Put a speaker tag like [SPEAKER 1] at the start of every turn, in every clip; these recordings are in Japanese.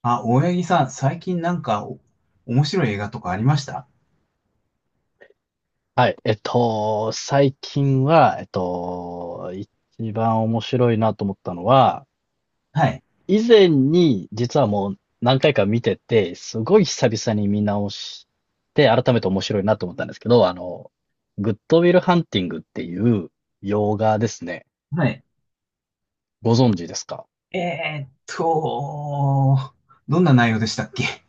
[SPEAKER 1] あ、大八木さん、最近なんか面白い映画とかありました？
[SPEAKER 2] はい。最近は、一番面白いなと思ったのは、
[SPEAKER 1] はい。
[SPEAKER 2] 以前に実はもう何回か見てて、すごい久々に見直して、改めて面白いなと思ったんですけど、グッドウィルハンティングっていう洋画ですね。
[SPEAKER 1] はい。
[SPEAKER 2] ご存知ですか？
[SPEAKER 1] えーっと、どんな内容でしたっけ？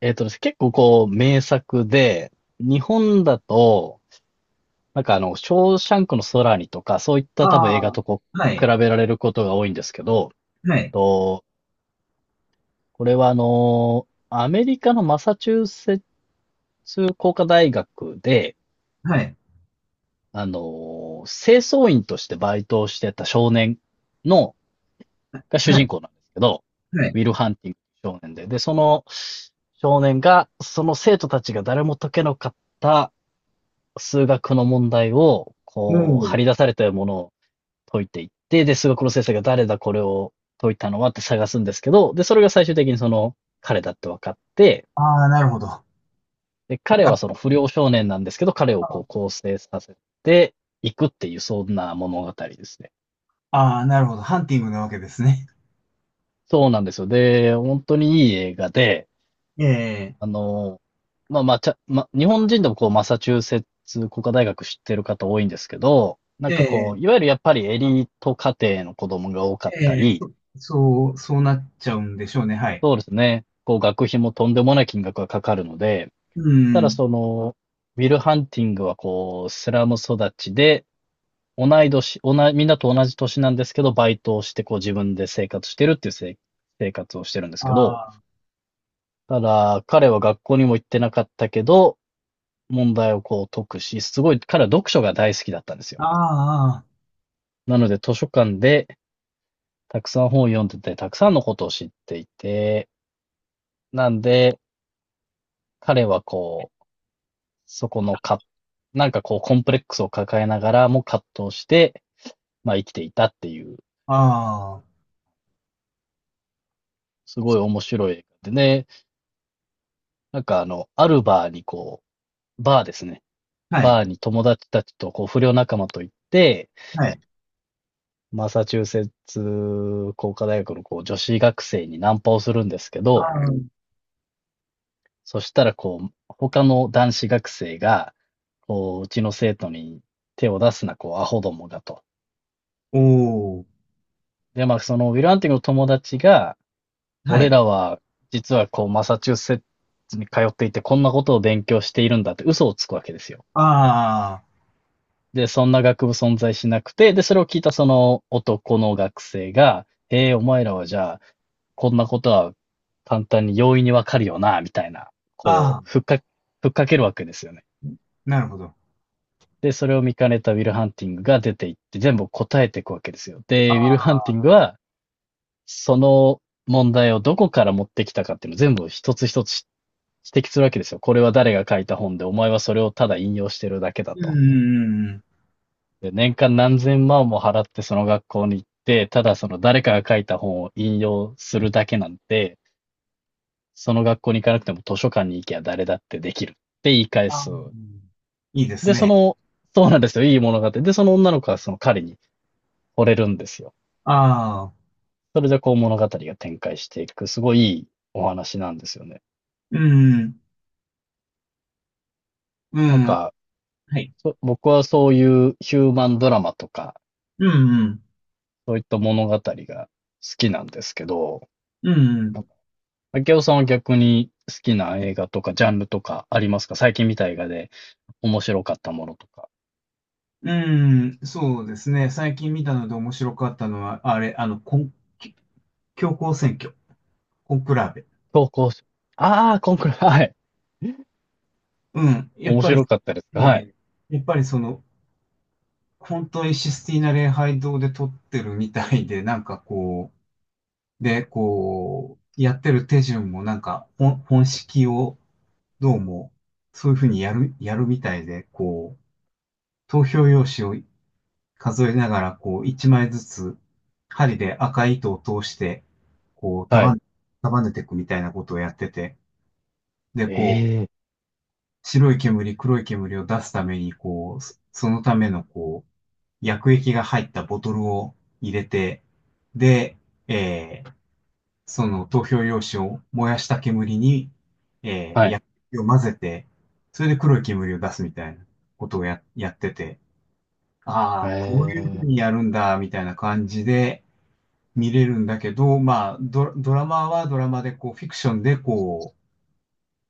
[SPEAKER 2] えっとですね、結構こう、名作で、日本だと、ショーシャンクの空にとか、そういった多分映
[SPEAKER 1] あ
[SPEAKER 2] 画
[SPEAKER 1] あー、
[SPEAKER 2] とこ
[SPEAKER 1] は
[SPEAKER 2] う、比
[SPEAKER 1] い、
[SPEAKER 2] べられることが多いんですけど、
[SPEAKER 1] は
[SPEAKER 2] えっ
[SPEAKER 1] い、
[SPEAKER 2] と、これはアメリカのマサチューセッツ工科大学で、
[SPEAKER 1] はい、
[SPEAKER 2] あのー清掃員としてバイトをしてた少年の、が主
[SPEAKER 1] は
[SPEAKER 2] 人
[SPEAKER 1] い、
[SPEAKER 2] 公なんですけど、
[SPEAKER 1] は
[SPEAKER 2] ウ
[SPEAKER 1] い。
[SPEAKER 2] ィル・ハンティング少年で、その少年が、その生徒たちが誰も解けなかった数学の問題を、
[SPEAKER 1] う
[SPEAKER 2] こう、張
[SPEAKER 1] ん。
[SPEAKER 2] り出されたものを解いていって、で、数学の先生が誰だこれを解いたのはって探すんですけど、で、それが最終的にその彼だって分かって、
[SPEAKER 1] ああ、なるほど。な
[SPEAKER 2] で、彼
[SPEAKER 1] んか、
[SPEAKER 2] はその不良少年なんですけど、彼をこう構成させていくっていう、そんな物語ですね。
[SPEAKER 1] ああ、なるほど。ハンティングなわけですね。
[SPEAKER 2] そうなんですよ。で、本当にいい映画で、
[SPEAKER 1] ええ、
[SPEAKER 2] あの、まあまあ、ちゃ、ま、日本人でもこう、マサチューセッツ工科大学知ってる方多いんですけど、
[SPEAKER 1] え
[SPEAKER 2] こ
[SPEAKER 1] え、
[SPEAKER 2] う、いわゆるやっぱりエリート家庭の子供が多かった
[SPEAKER 1] ええ、
[SPEAKER 2] り、
[SPEAKER 1] そう、そうなっちゃうんでしょうね。はい。
[SPEAKER 2] そうですね、こう、学費もとんでもない金額がかかるので、
[SPEAKER 1] う
[SPEAKER 2] ただ
[SPEAKER 1] ん。
[SPEAKER 2] その、ウィル・ハンティングはこう、スラム育ちで、同い年、みんなと同じ年なんですけど、バイトをして、こう自分で生活してるっていう生活をしてるんですけど、
[SPEAKER 1] あ
[SPEAKER 2] ただ、彼は学校にも行ってなかったけど、問題をこう解くし、すごい、彼は読書が大好きだったんですよ。
[SPEAKER 1] あ、あ
[SPEAKER 2] なので、図書館でたくさん本を読んでて、たくさんのことを知っていて、なんで、彼はこう、そこのか、こう、コンプレックスを抱えながらも葛藤して、まあ生きていたっていう、
[SPEAKER 1] あ、あ
[SPEAKER 2] すごい面白い映画でね、アルバーにこう、バーですね。
[SPEAKER 1] あ、はい、
[SPEAKER 2] バーに友達たちと、こう、不良仲間と行って、
[SPEAKER 1] はい。
[SPEAKER 2] マサチューセッツ工科大学のこう女子学生にナンパをするんですけ
[SPEAKER 1] あ
[SPEAKER 2] ど、
[SPEAKER 1] あ、
[SPEAKER 2] そしたらこう、他の男子学生が、こう、うちの生徒に手を出すな、こう、アホどもがと。
[SPEAKER 1] おお、
[SPEAKER 2] で、まあ、そのウィル・ハンティングの友達が、
[SPEAKER 1] は
[SPEAKER 2] 俺
[SPEAKER 1] い。
[SPEAKER 2] らは、実はこう、マサチューセッツに通っていて、こんなことを勉強しているんだって嘘をつくわけですよ。
[SPEAKER 1] あ
[SPEAKER 2] で、そんな学部存在しなくて、で、それを聞いたその男の学生が、へえ、お前らはじゃあ、こんなことは簡単に容易にわかるよな、みたいな、
[SPEAKER 1] あ、
[SPEAKER 2] こ
[SPEAKER 1] あ
[SPEAKER 2] う、ふ
[SPEAKER 1] あ、
[SPEAKER 2] っか、ふっかけるわけですよね。
[SPEAKER 1] なるほど。
[SPEAKER 2] で、それを見かねたウィル・ハンティングが出ていって、全部答えていくわけですよ。
[SPEAKER 1] あ
[SPEAKER 2] で、ウィル・
[SPEAKER 1] あ、
[SPEAKER 2] ハンティングは、その問題をどこから持ってきたかっていうのを全部一つ一つ指摘するわけですよ。これは誰が書いた本で、お前はそれをただ引用してるだけだ
[SPEAKER 1] うんうんう
[SPEAKER 2] と。
[SPEAKER 1] んうん。
[SPEAKER 2] で、年間何千万も払ってその学校に行って、ただその誰かが書いた本を引用するだけなんて、その学校に行かなくても図書館に行きゃ誰だってできるって言い返
[SPEAKER 1] ああ、
[SPEAKER 2] す。
[SPEAKER 1] いいです
[SPEAKER 2] で、そ
[SPEAKER 1] ね。
[SPEAKER 2] の、そうなんですよ。いい物語。で、その女の子はその彼に惚れるんですよ。
[SPEAKER 1] ああ、
[SPEAKER 2] それでこう物語が展開していく、すごいいいお話なんですよね。
[SPEAKER 1] うん、う
[SPEAKER 2] なん
[SPEAKER 1] ん、
[SPEAKER 2] か、
[SPEAKER 1] はい。
[SPEAKER 2] 僕はそういうヒューマンドラマとか、
[SPEAKER 1] うん、うん、
[SPEAKER 2] そういった物語が好きなんですけど、
[SPEAKER 1] うん、
[SPEAKER 2] 明夫さんは逆に好きな映画とかジャンルとかありますか？最近見た映画で面白かったものとか。
[SPEAKER 1] うん、うんそうですね。最近見たので面白かったのは、あれ、あの、コン、教皇選挙、コンクラーベ。
[SPEAKER 2] 投稿し、ああ、コンクール。はい。
[SPEAKER 1] うん、
[SPEAKER 2] 面白かったです
[SPEAKER 1] え
[SPEAKER 2] か？はい。
[SPEAKER 1] ーやっぱりその、本当にシスティーナ礼拝堂で撮ってるみたいで、なんかこう、で、こう、やってる手順もなんか、本式を、どうも、そういうふうにやるみたいで、こう、投票用紙を数えながら、こう、一枚ずつ、針で赤い糸を通して、こう、
[SPEAKER 2] はい。
[SPEAKER 1] 束ねていくみたいなことをやってて、で、こ
[SPEAKER 2] ええ、
[SPEAKER 1] う、白い煙、黒い煙を出すために、こう、そそのための、こう、薬液が入ったボトルを入れて、で、えーその投票用紙を燃やした煙に、え
[SPEAKER 2] はい。
[SPEAKER 1] ーを混ぜて、それで黒い煙を出すみたいなことをやってて、ああ、こういうふ
[SPEAKER 2] ええ、
[SPEAKER 1] うにやるんだ、みたいな感じで見れるんだけど、まあ、ドラマはドラマで、こう、フィクションで、こ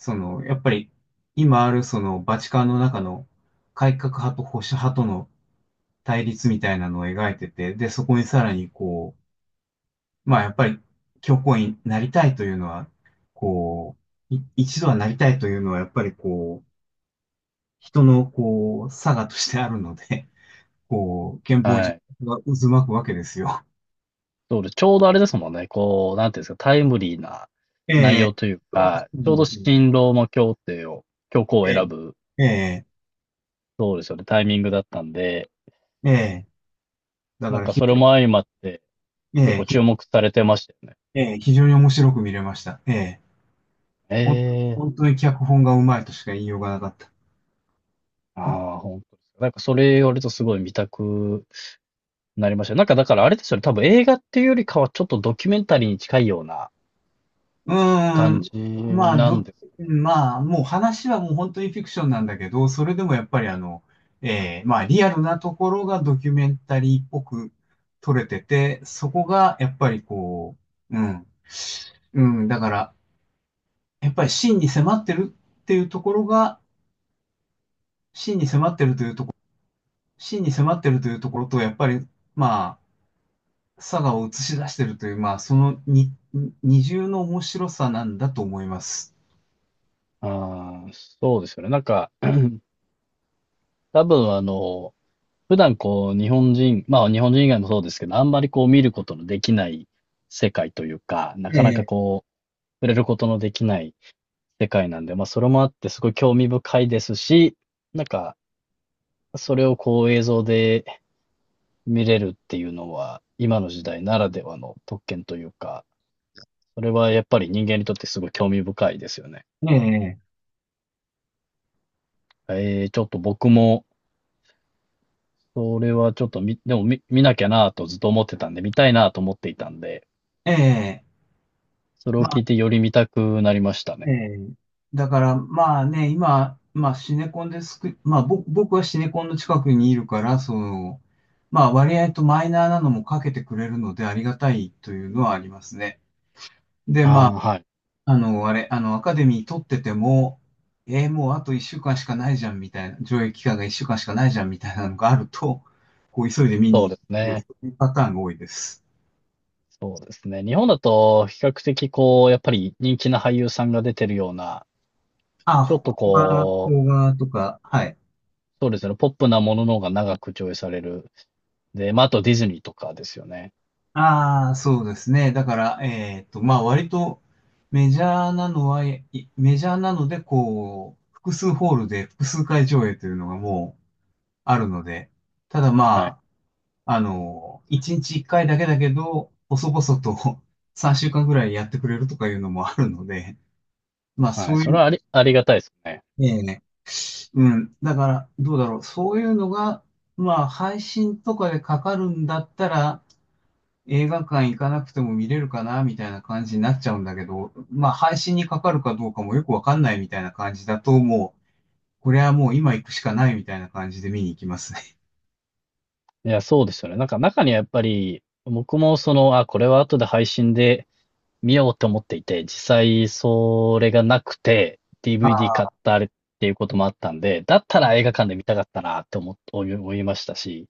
[SPEAKER 1] う、その、やっぱり、今ある、その、バチカンの中の改革派と保守派との対立みたいなのを描いてて、で、そこにさらに、こう、まあ、やっぱり、教皇になりたいというのは、こう、一度はなりたいというのは、やっぱりこう、人のこう、差がとしてあるので、こう、憲法
[SPEAKER 2] は
[SPEAKER 1] 自
[SPEAKER 2] い。
[SPEAKER 1] 体が渦巻くわけですよ。
[SPEAKER 2] そうです。ちょうどあれですもんね。こう、なんていうんですか、タイムリーな
[SPEAKER 1] え
[SPEAKER 2] 内容
[SPEAKER 1] え、
[SPEAKER 2] という
[SPEAKER 1] そ
[SPEAKER 2] か、
[SPEAKER 1] うな
[SPEAKER 2] ちょ
[SPEAKER 1] ん
[SPEAKER 2] う
[SPEAKER 1] で
[SPEAKER 2] ど
[SPEAKER 1] すよ。
[SPEAKER 2] 新ローマ教廷を、教皇を
[SPEAKER 1] え
[SPEAKER 2] 選
[SPEAKER 1] え、
[SPEAKER 2] ぶ、
[SPEAKER 1] ええ、
[SPEAKER 2] そうですよね、タイミングだったんで、
[SPEAKER 1] ええ、だ
[SPEAKER 2] な
[SPEAKER 1] か
[SPEAKER 2] ん
[SPEAKER 1] ら
[SPEAKER 2] か
[SPEAKER 1] 非
[SPEAKER 2] それ
[SPEAKER 1] 常
[SPEAKER 2] も相まって
[SPEAKER 1] に、え
[SPEAKER 2] 結
[SPEAKER 1] え、
[SPEAKER 2] 構注目されてましたよね。
[SPEAKER 1] 非常に面白く見れました。ええ、ほん
[SPEAKER 2] ええ、
[SPEAKER 1] 本当に脚本がうまいとしか言いようがなかった。
[SPEAKER 2] ああ、本当ですか？それ言われるとすごい見たくなりましたよ。なんかだからあれですよね、多分映画っていうよりかはちょっとドキュメンタリーに近いような
[SPEAKER 1] うー
[SPEAKER 2] 感
[SPEAKER 1] ん。
[SPEAKER 2] じ
[SPEAKER 1] まあ、
[SPEAKER 2] なんです。
[SPEAKER 1] もう話はもう本当にフィクションなんだけど、それでもやっぱりあの、まあ、リアルなところがドキュメンタリーっぽく撮れてて、そこがやっぱりこう、うん。うん、だから、やっぱり真に迫ってるっていうところが、真に迫ってるというところ、真に迫ってるというところと、やっぱり、まあ、佐賀を映し出してるという、まあ、その二重の面白さなんだと思います。
[SPEAKER 2] ああ、そうですよね。多分普段こう日本人、まあ日本人以外もそうですけど、あんまりこう見ることのできない世界というか、な
[SPEAKER 1] え
[SPEAKER 2] かなか
[SPEAKER 1] え。
[SPEAKER 2] こう触れることのできない世界なんで、まあそれもあってすごい興味深いですし、なんかそれをこう映像で見れるっていうのは、今の時代ならではの特権というか、それはやっぱり人間にとってすごい興味深いですよね。
[SPEAKER 1] ええ
[SPEAKER 2] ちょっと僕も、それはちょっと見、でも見、見なきゃなぁとずっと思ってたんで、見たいなぁと思っていたんで、
[SPEAKER 1] ええ、
[SPEAKER 2] それを
[SPEAKER 1] ま
[SPEAKER 2] 聞
[SPEAKER 1] あ、
[SPEAKER 2] いてより見たくなりました
[SPEAKER 1] え
[SPEAKER 2] ね。
[SPEAKER 1] え。だから、まあね、今、まあシネコンですく、まあ僕はシネコンの近くにいるから、その、まあ割合とマイナーなのもかけてくれるのでありがたいというのはありますね。で、
[SPEAKER 2] あ
[SPEAKER 1] ま
[SPEAKER 2] あ、
[SPEAKER 1] あ、
[SPEAKER 2] はい。
[SPEAKER 1] あの、あれ、あの、アカデミー取ってても、もうあと1週間しかないじゃんみたいな、上映期間が1週間しかないじゃんみたいなのがあると、こう急いで見に
[SPEAKER 2] そう
[SPEAKER 1] 行
[SPEAKER 2] で
[SPEAKER 1] くっ
[SPEAKER 2] す
[SPEAKER 1] ていう、
[SPEAKER 2] ね。
[SPEAKER 1] そういうパターンが多いです。
[SPEAKER 2] そうですね。日本だと比較的こう、やっぱり人気な俳優さんが出てるような、
[SPEAKER 1] あ、
[SPEAKER 2] ちょっと
[SPEAKER 1] 邦画、
[SPEAKER 2] こう、
[SPEAKER 1] 邦画とか、はい。
[SPEAKER 2] そうですね、ポップなものの方が長く上映される。で、まあ、あとディズニーとかですよね。
[SPEAKER 1] ああ、そうですね。だから、まあ、割とメジャーなのは、いメジャーなので、こう、複数ホールで複数回上映というのがもうあるので、ただ
[SPEAKER 2] はい。
[SPEAKER 1] まあ、あの、1日1回だけだけど、細々と 3週間ぐらいやってくれるとかいうのもあるので、まあ、
[SPEAKER 2] は
[SPEAKER 1] そ
[SPEAKER 2] い。
[SPEAKER 1] う
[SPEAKER 2] そ
[SPEAKER 1] い
[SPEAKER 2] れ
[SPEAKER 1] う、
[SPEAKER 2] はありがたいですね。
[SPEAKER 1] ね、うん。だから、どうだろう。そういうのが、まあ、配信とかでかかるんだったら、映画館行かなくても見れるかなみたいな感じになっちゃうんだけど、まあ配信にかかるかどうかもよくわかんないみたいな感じだと、もう、これはもう今行くしかないみたいな感じで見に行きますね。
[SPEAKER 2] いや、そうですよね。中にはやっぱり、僕もその、あ、これは後で配信で見ようと思っていて、実際それがなくて、DVD 買
[SPEAKER 1] あ
[SPEAKER 2] ったあれっていうこともあったんで、だったら
[SPEAKER 1] あ、
[SPEAKER 2] 映画館で見たかったなって思いましたし、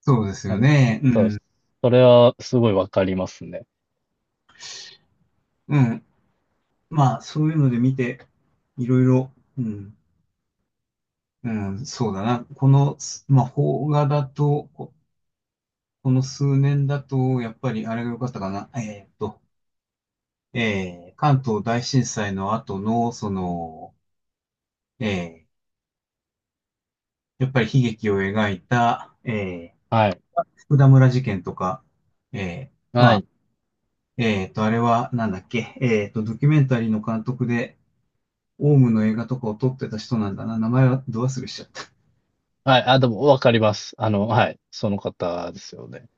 [SPEAKER 1] そうです
[SPEAKER 2] な
[SPEAKER 1] よ
[SPEAKER 2] んで、
[SPEAKER 1] ね。う
[SPEAKER 2] そうです。
[SPEAKER 1] ん。
[SPEAKER 2] それはすごいわかりますね。
[SPEAKER 1] うん。まあそういうので見て、いろいろ、うん。うん、そうだな。この、まあ邦画だと、この数年だと、やっぱりあれが良かったかな。関東大震災の後の、その、えーやっぱり悲劇を描いた、
[SPEAKER 2] はい。
[SPEAKER 1] 福田村事件とか、え
[SPEAKER 2] はい。
[SPEAKER 1] あれはなんだっけ、ドキュメンタリーの監督で、オウムの映画とかを撮ってた人なんだな。名前はど忘れしちゃった。
[SPEAKER 2] はい。あ、でもわかります。はい。その方ですよね。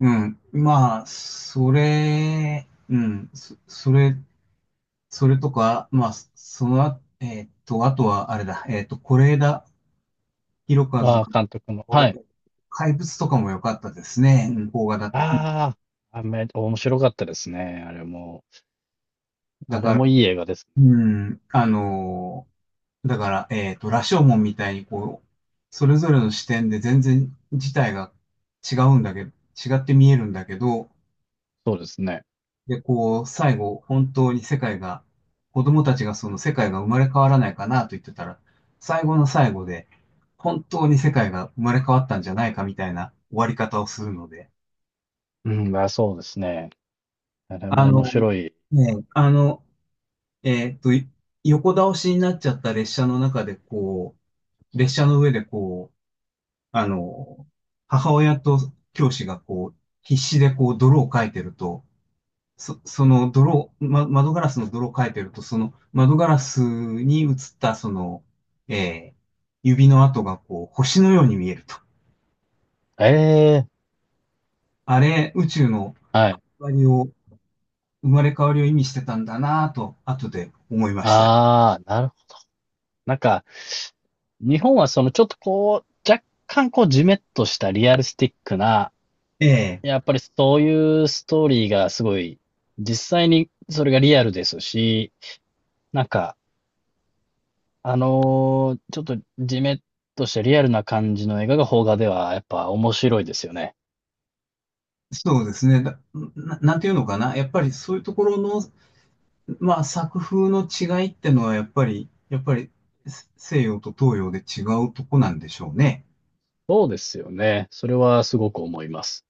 [SPEAKER 1] うん。まあ、うん、それとか、まあ、あとはあれだ、是枝裕和監
[SPEAKER 2] あ、
[SPEAKER 1] 督
[SPEAKER 2] 監督の。は
[SPEAKER 1] の
[SPEAKER 2] い。
[SPEAKER 1] 怪物とかも良かったですね、うん邦画だと。
[SPEAKER 2] ああ、面白かったですね。あれも。
[SPEAKER 1] だ
[SPEAKER 2] あれ
[SPEAKER 1] から、
[SPEAKER 2] もいい映画ですね。
[SPEAKER 1] うん、あのーだから、羅生門みたいにこう、それぞれの視点で全然事態が違うんだけど、違って見えるんだけど、
[SPEAKER 2] そうですね。
[SPEAKER 1] で、こう、最後、本当に世界が、子供たちがその世界が生まれ変わらないかなと言ってたら、最後の最後で、本当に世界が生まれ変わったんじゃないかみたいな終わり方をするので、
[SPEAKER 2] うん、まあ、そうですね。あれ
[SPEAKER 1] あ
[SPEAKER 2] も面
[SPEAKER 1] の、
[SPEAKER 2] 白い。
[SPEAKER 1] ね、あの、えっと、い横倒しになっちゃった列車の中で、こう、列車の上でこう、あの、母親と教師がこう、必死でこう、泥をかいてると、その泥を、窓ガラスの泥をかいてると、その窓ガラスに映ったその、えー指の跡がこう、星のように見えると。
[SPEAKER 2] ええ、
[SPEAKER 1] あれ、宇宙の
[SPEAKER 2] はい。
[SPEAKER 1] 終わりを、生まれ変わりを意味してたんだなぁと、後で思いました。
[SPEAKER 2] ああ、なるほど。なんか、日本はそのちょっとこう、若干こうジメッとしたリアルスティックな、
[SPEAKER 1] ええ、
[SPEAKER 2] やっぱりそういうストーリーがすごい、実際にそれがリアルですし、なんか、ちょっとジメッとしたリアルな感じの映画が邦画ではやっぱ面白いですよね。
[SPEAKER 1] そうですね。なんていうのかな。やっぱりそういうところのまあ作風の違いってのはやっぱり西洋と東洋で違うとこなんでしょうね。
[SPEAKER 2] そうですよね。それはすごく思います。